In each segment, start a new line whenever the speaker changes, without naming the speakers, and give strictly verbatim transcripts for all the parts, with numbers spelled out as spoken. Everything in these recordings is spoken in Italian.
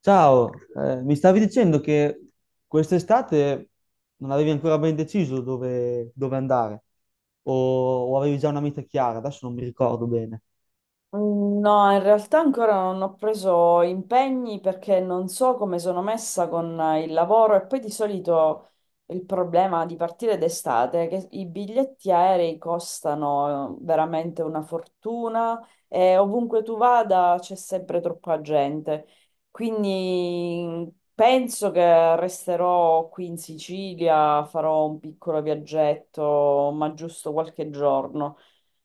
Ciao, eh, mi stavi dicendo che quest'estate non avevi ancora ben deciso dove, dove andare o, o avevi già una meta chiara, adesso non mi ricordo bene.
Mm, No, in realtà ancora non ho preso impegni perché non so come sono messa con eh, il lavoro e poi di solito il problema di partire d'estate è che i biglietti aerei costano eh, veramente una fortuna e ovunque tu vada c'è sempre troppa gente. Quindi mm, penso che resterò qui in Sicilia, farò un piccolo viaggetto, ma giusto qualche giorno.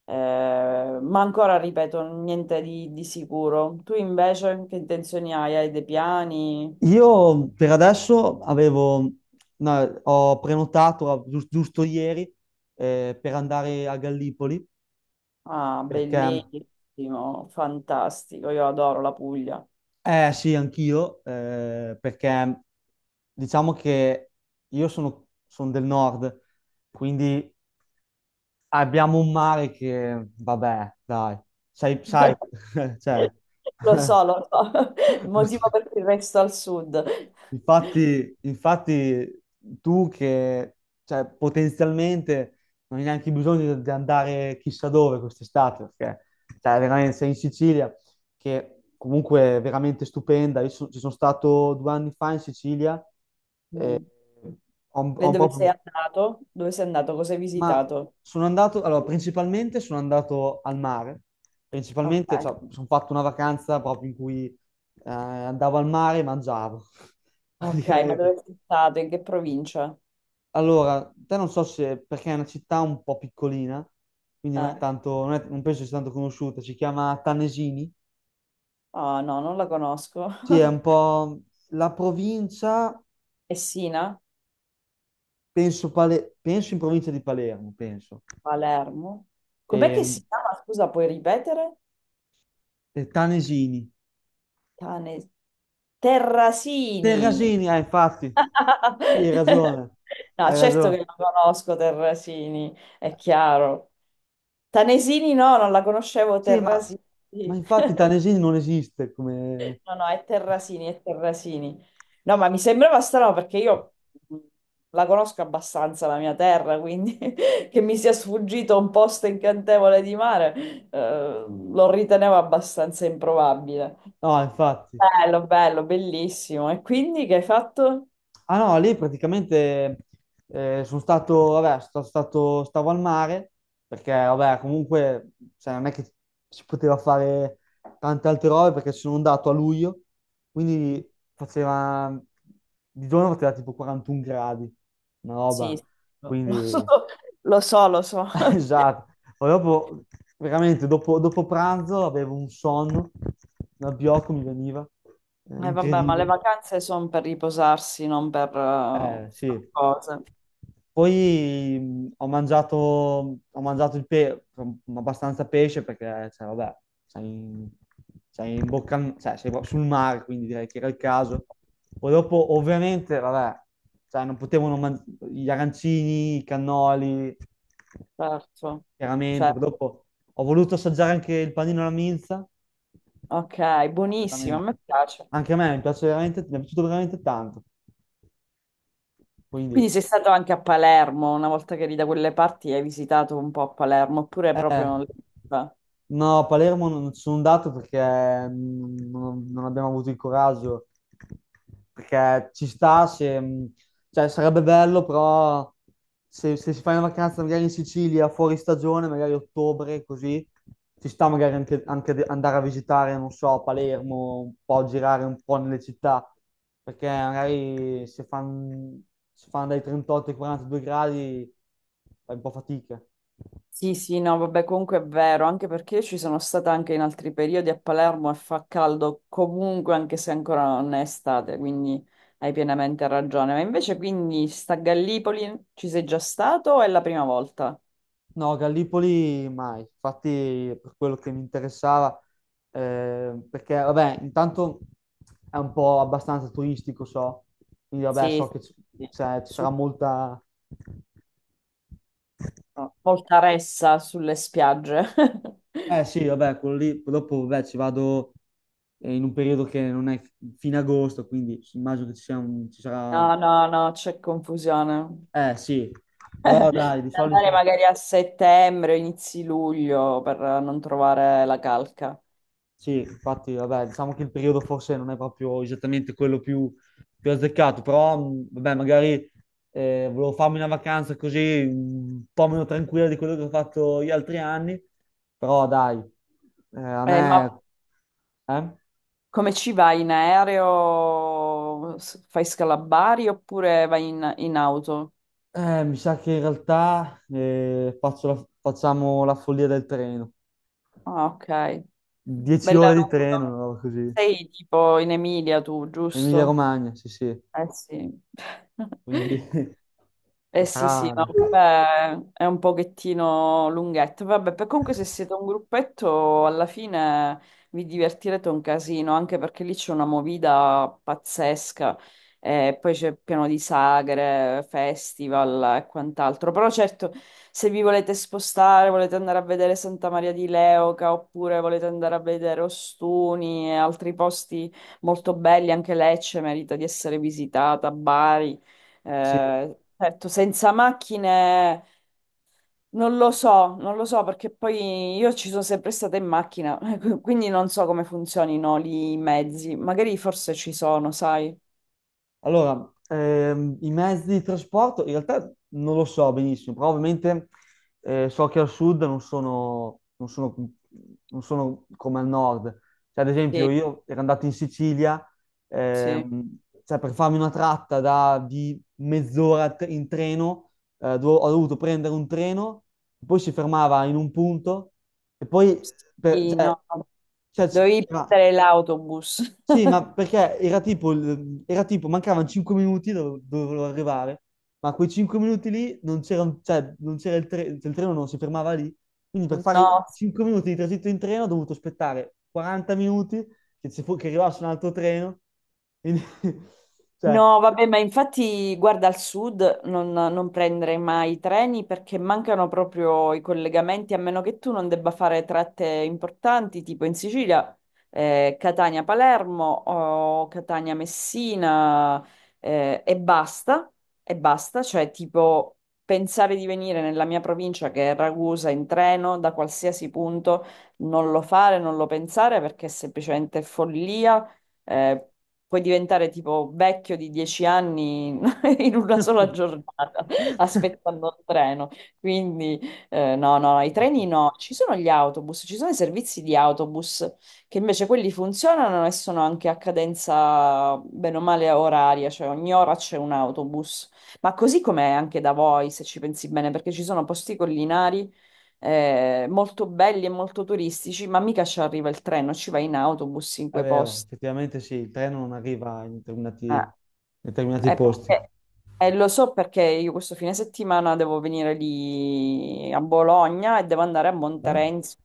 Eh, ma ancora, ripeto, niente di, di sicuro. Tu invece che intenzioni hai? Hai dei piani?
Io per adesso avevo, no, ho prenotato a- gius- giusto, ieri eh, per andare a Gallipoli
Ah,
perché,
bellissimo, fantastico, io adoro la Puglia.
eh sì, anch'io, eh, perché diciamo che io sono sono del nord, quindi abbiamo un mare che, vabbè, dai, sai, sai, cioè,
Lo so, lo so, il
non si-
motivo per cui resto al sud.
infatti, infatti tu che, cioè, potenzialmente non hai neanche bisogno di andare chissà dove quest'estate, perché, cioè, veramente sei in Sicilia, che comunque è veramente stupenda. Io so- ci sono stato due anni fa in Sicilia, e
Mm.
ho, ho
E
un
dove sei
po'.
andato? Dove sei andato? Cosa hai
Ma
visitato?
sono andato, allora, principalmente sono andato al mare,
Ok,
principalmente, cioè, sono fatto una vacanza proprio in cui eh, andavo al mare e mangiavo,
ok, ma
praticamente.
dove sei stato? In che provincia?
Allora, te non so se, perché è una città un po' piccolina, quindi non è
Eh.
tanto, non, è- non penso sia tanto conosciuta, si chiama Tanesini,
Ah, no, non la conosco.
sì, è un po' la provincia,
Essina?
penso, Pale- penso in provincia di Palermo, penso,
Palermo. Com'è che
e,
si chiama? Scusa, puoi ripetere?
e Tanesini.
Cane...
Del
Terrasini.
Rasini, ah, infatti, sì, hai ragione,
No,
hai
certo che
ragione.
lo conosco Terrasini, è chiaro. Tanesini no, non la conoscevo
Sì, ma,
Terrasini.
ma infatti Tanesini non esiste come...
No, no, è Terrasini, è Terrasini. No, ma mi sembrava strano perché io mh, la conosco abbastanza la mia terra, quindi che mi sia sfuggito un posto incantevole di mare, eh, lo ritenevo abbastanza improbabile.
No, infatti.
Bello, bello, bellissimo. E quindi che hai fatto?
Ah no, lì praticamente eh, sono stato, vabbè, sono stato, stavo al mare, perché vabbè, comunque cioè, non è che si poteva fare tante altre robe perché sono andato a luglio, quindi faceva, di giorno faceva tipo quarantuno gradi, una
Sì,
roba,
sì, lo lo so,
quindi...
lo so, lo so.
Esatto, poi dopo, veramente, dopo, dopo, pranzo avevo un sonno, un abbiocco mi veniva, eh,
E vabbè, ma le
incredibile.
vacanze sono per riposarsi, non per eh,
Eh,
fare
sì.
cose.
Poi mh, ho mangiato, ho mangiato il pe- mm, abbastanza pesce perché, cioè, vabbè, sei in, sei in bocca, al- cioè, sei proprio sul mare, quindi direi che era il caso. Poi dopo, ovviamente, vabbè, cioè, non potevano mangiare gli arancini, i cannoli,
Certo,
chiaramente. Poi
certo.
dopo ho voluto assaggiare anche il panino alla minza,
Ok, buonissimo, a
veramente.
me piace.
Anche a me mi piace veramente, mi è piaciuto veramente tanto.
Quindi
Quindi...
sei stato anche a Palermo, una volta che eri da quelle parti hai visitato un po' a Palermo, oppure proprio...
Eh,
non l'hai vista?
no, a Palermo non ci sono andato perché mm, non, non abbiamo avuto il coraggio. Perché ci sta, se, mm, cioè, sarebbe bello, però se, se si fa una vacanza magari in Sicilia, fuori stagione, magari ottobre, così, ci sta magari anche, anche de- andare a visitare, non so, Palermo, un po' girare un po' nelle città. Perché magari se fanno se fan dai trentotto ai quarantadue gradi fai un po' fatica.
Sì, sì, no, vabbè, comunque è vero, anche perché io ci sono stata anche in altri periodi a Palermo e fa caldo comunque, anche se ancora non è estate, quindi hai pienamente ragione. Ma invece quindi sta a Gallipoli ci sei già stato o è la prima volta?
No, Gallipoli mai, infatti per quello che mi interessava, eh, perché vabbè, intanto è un po' abbastanza turistico, so, quindi vabbè, so
Sì,
che c-
sì.
cioè, ci sarà
Su
molta... no.
Voltaressa, sulle spiagge.
Eh sì, vabbè, quello lì, poi dopo vabbè, ci vado eh, in un periodo che non è fine agosto, quindi immagino che ci sia un- ci sarà...
No, no, no, c'è confusione.
Eh sì, però dai, di
Andare
solito...
magari a settembre, inizi luglio per non trovare la calca.
Sì, infatti, vabbè, diciamo che il periodo forse non è proprio esattamente quello più, più, azzeccato, però, mh, vabbè, magari eh, volevo farmi una vacanza così un po' meno tranquilla di quello che ho fatto gli altri anni, però dai, eh, a
Eh, ma
me, eh?
come ci vai in aereo? S- Fai scalabari oppure vai in, in auto?
Eh, mi sa che in realtà eh, faccio la- facciamo la follia del treno,
Ah, ok.
dieci ore
Bella
di treno, una
lunga.
roba così.
Sei tipo in Emilia tu, giusto?
Emilia-Romagna, sì, sì,
Eh sì.
quindi
Eh sì, sì,
sarà...
no, vabbè, è un pochettino lunghetto. Vabbè, per- comunque se siete un gruppetto, alla fine vi divertirete un casino, anche perché lì c'è una movida pazzesca. E poi c'è pieno di sagre, festival e quant'altro. Però certo, se vi volete spostare, volete andare a vedere Santa Maria di Leuca, oppure volete andare a vedere Ostuni e altri posti molto belli, anche Lecce merita di essere visitata, Bari.
Sì.
Eh, certo, senza macchine non lo so, non lo so perché poi io ci sono sempre stata in macchina, quindi non so come funzionino lì i mezzi. Magari forse ci sono, sai?
Allora, ehm, i mezzi di trasporto in realtà non lo so benissimo, però ovviamente eh, so che al sud non sono, non sono- non sono come al nord. Cioè, ad esempio,
Sì,
io ero andato in Sicilia,
sì.
ehm, cioè, per farmi una tratta da- di mezz'ora t- in treno, eh, dove ho dovuto prendere un treno, poi si fermava in un punto e poi per-
Sì,
cioè,
no,
cioè, c-
dovevi
era-
prendere l'autobus.
sì, ma perché era tipo, il- era tipo mancavano cinque minuti dove dove volevo arrivare, ma quei cinque minuti lì non c'era, un- cioè, non c'era il treno, il treno non si fermava lì, quindi per fare
No.
cinque minuti di tragitto in treno ho dovuto aspettare quaranta minuti che, ci fu- che arrivasse un altro treno, quindi, cioè,
No, vabbè, ma infatti, guarda, al sud non, non prendere mai i treni perché mancano proprio i collegamenti, a meno che tu non debba fare tratte importanti, tipo in Sicilia, eh, Catania-Palermo o Catania-Messina, eh, e basta, e basta, cioè tipo pensare di venire nella mia provincia, che è Ragusa, in treno da qualsiasi punto, non lo fare, non lo pensare perché è semplicemente follia eh, puoi diventare tipo vecchio di dieci anni in una sola giornata aspettando il treno. Quindi eh, no, no, no, i
basta.
treni no, ci sono gli autobus, ci sono i servizi di autobus che invece quelli funzionano e sono anche a cadenza bene o male oraria, cioè ogni ora c'è un autobus. Ma così com'è anche da voi, se ci pensi bene, perché ci sono posti collinari eh, molto belli e molto turistici, ma mica ci arriva il treno, ci va in autobus in
È
quei
vero,
posti.
effettivamente sì, il treno non arriva in determinati,
Eh,
in determinati
eh,
posti.
perché- eh, Lo so perché io questo fine settimana devo venire lì a Bologna e devo andare a
Beh,
Monterenzio.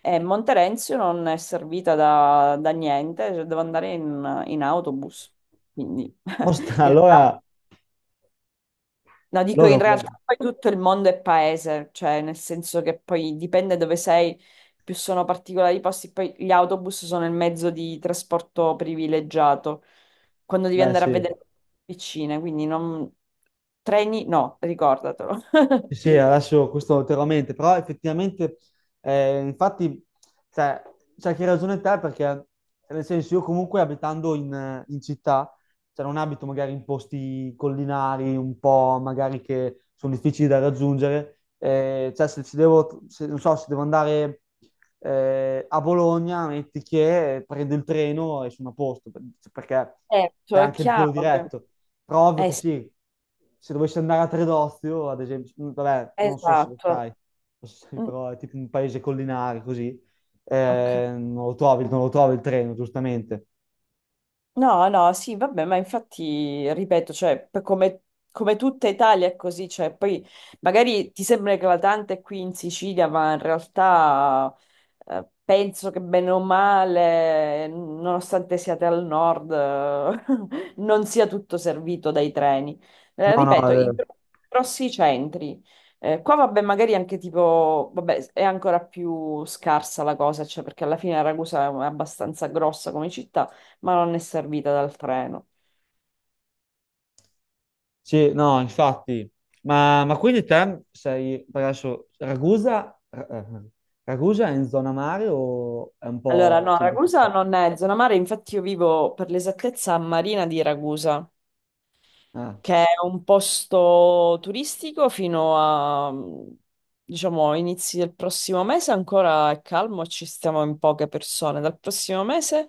E Monterenzio non è servita da, da niente, cioè devo andare in, in autobus. Quindi in
Mostra,
realtà
allora,
no, dico
allora,
in
è
realtà
buono.
poi tutto il mondo è paese, cioè nel senso che poi dipende dove sei, più sono particolari i posti, poi gli autobus sono il mezzo di trasporto privilegiato, quando devi
Beh
andare a
sì.
vedere vicine, quindi non... treni no, ricordatelo.
Sì, sì, adesso questo ulteriormente, però effettivamente, eh, infatti, cioè, c'è che ragione te perché, nel senso, io comunque abitando in, in città, cioè non abito magari in posti collinari, un po' magari che sono difficili da raggiungere, eh, cioè se ci devo, se- non so, se devo andare eh, a Bologna, metti che prendo il treno e sono a posto, per- perché c'è
Certo, è
anche quello
chiaro che...
diretto. Prov
Eh,
che
sì,
sì, se dovessi andare a Tredozio, ad esempio, mm, vabbè, non so se lo
esatto.
sai, lo sai,
Mm,
però è tipo un paese collinare così,
ok.
eh, non lo trovi, non lo trovi il treno, giustamente.
No, no, sì, vabbè, ma infatti, ripeto, cioè, per come, come tutta Italia è così, cioè, poi magari ti sembra eclatante qui in Sicilia, ma in realtà eh, penso che bene o male, nonostante siate al nord, eh, non sia tutto servito dai treni. Eh,
No, no, è
ripeto, i
vero.
gro- grossi centri. Eh, qua, vabbè, magari anche tipo, vabbè, è ancora più scarsa la cosa, cioè, perché alla fine Ragusa è abbastanza grossa come città ma non è servita dal treno.
Sì, no, infatti. Ma, ma quindi te sei, per adesso, Ragusa, eh, eh, Ragusa è in zona mare o è un
Allora,
po'
no,
centro
Ragusa
città?
non è zona mare, infatti io vivo per l'esattezza a Marina di Ragusa,
Ah,
che è un posto turistico fino a, diciamo, inizi del prossimo mese, ancora è calmo, ci stiamo in poche persone. Dal prossimo mese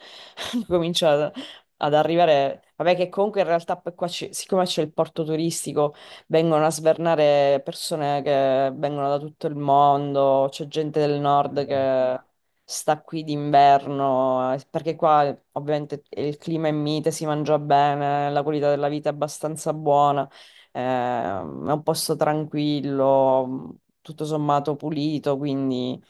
comincia ad ad arrivare, vabbè che comunque in realtà poi qua ci- siccome c'è il porto turistico, vengono a svernare persone che vengono da tutto il mondo, c'è gente del nord
vabbè.
che sta qui d'inverno, eh, perché qua eh, ovviamente il clima è mite, si mangia bene, la qualità della vita è abbastanza buona, ehm, è un posto tranquillo, mh, tutto sommato pulito, quindi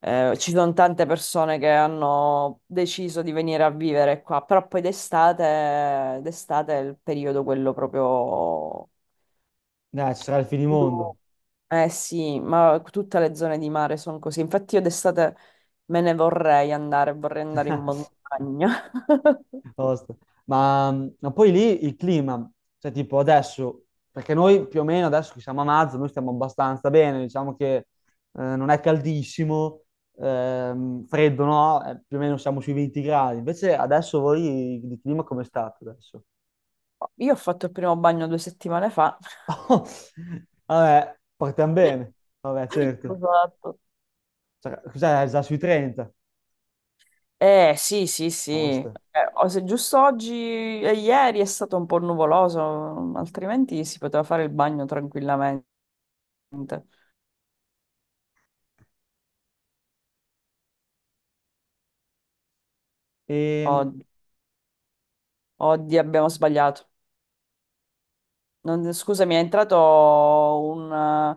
eh, ci sono tante persone che hanno deciso di venire a vivere qua, però poi d'estate, d'estate è il periodo quello proprio
Dai, ci sarà il finimondo.
eh sì, ma tutte le zone di mare sono così. Infatti io d'estate me ne vorrei andare, vorrei andare in montagna.
Posto. Ma, mh, ma poi lì il clima, cioè tipo adesso, perché noi più o meno adesso che siamo a marzo, noi stiamo abbastanza bene, diciamo che eh, non è caldissimo, ehm, freddo no. Eh, più o meno siamo sui venti gradi, invece adesso voi di clima com'è stato adesso?
Io ho fatto il primo bagno due settimane fa.
Vabbè, partiamo bene, vabbè certo,
Esatto.
cioè, cos'è già sui trenta?
Eh sì, sì, sì. Eh,
Posto.
o se giusto oggi e ieri è stato un po' nuvoloso, altrimenti si poteva fare il bagno tranquillamente.
E,
Od- Oddio, abbiamo sbagliato. Non- scusami, è entrato un,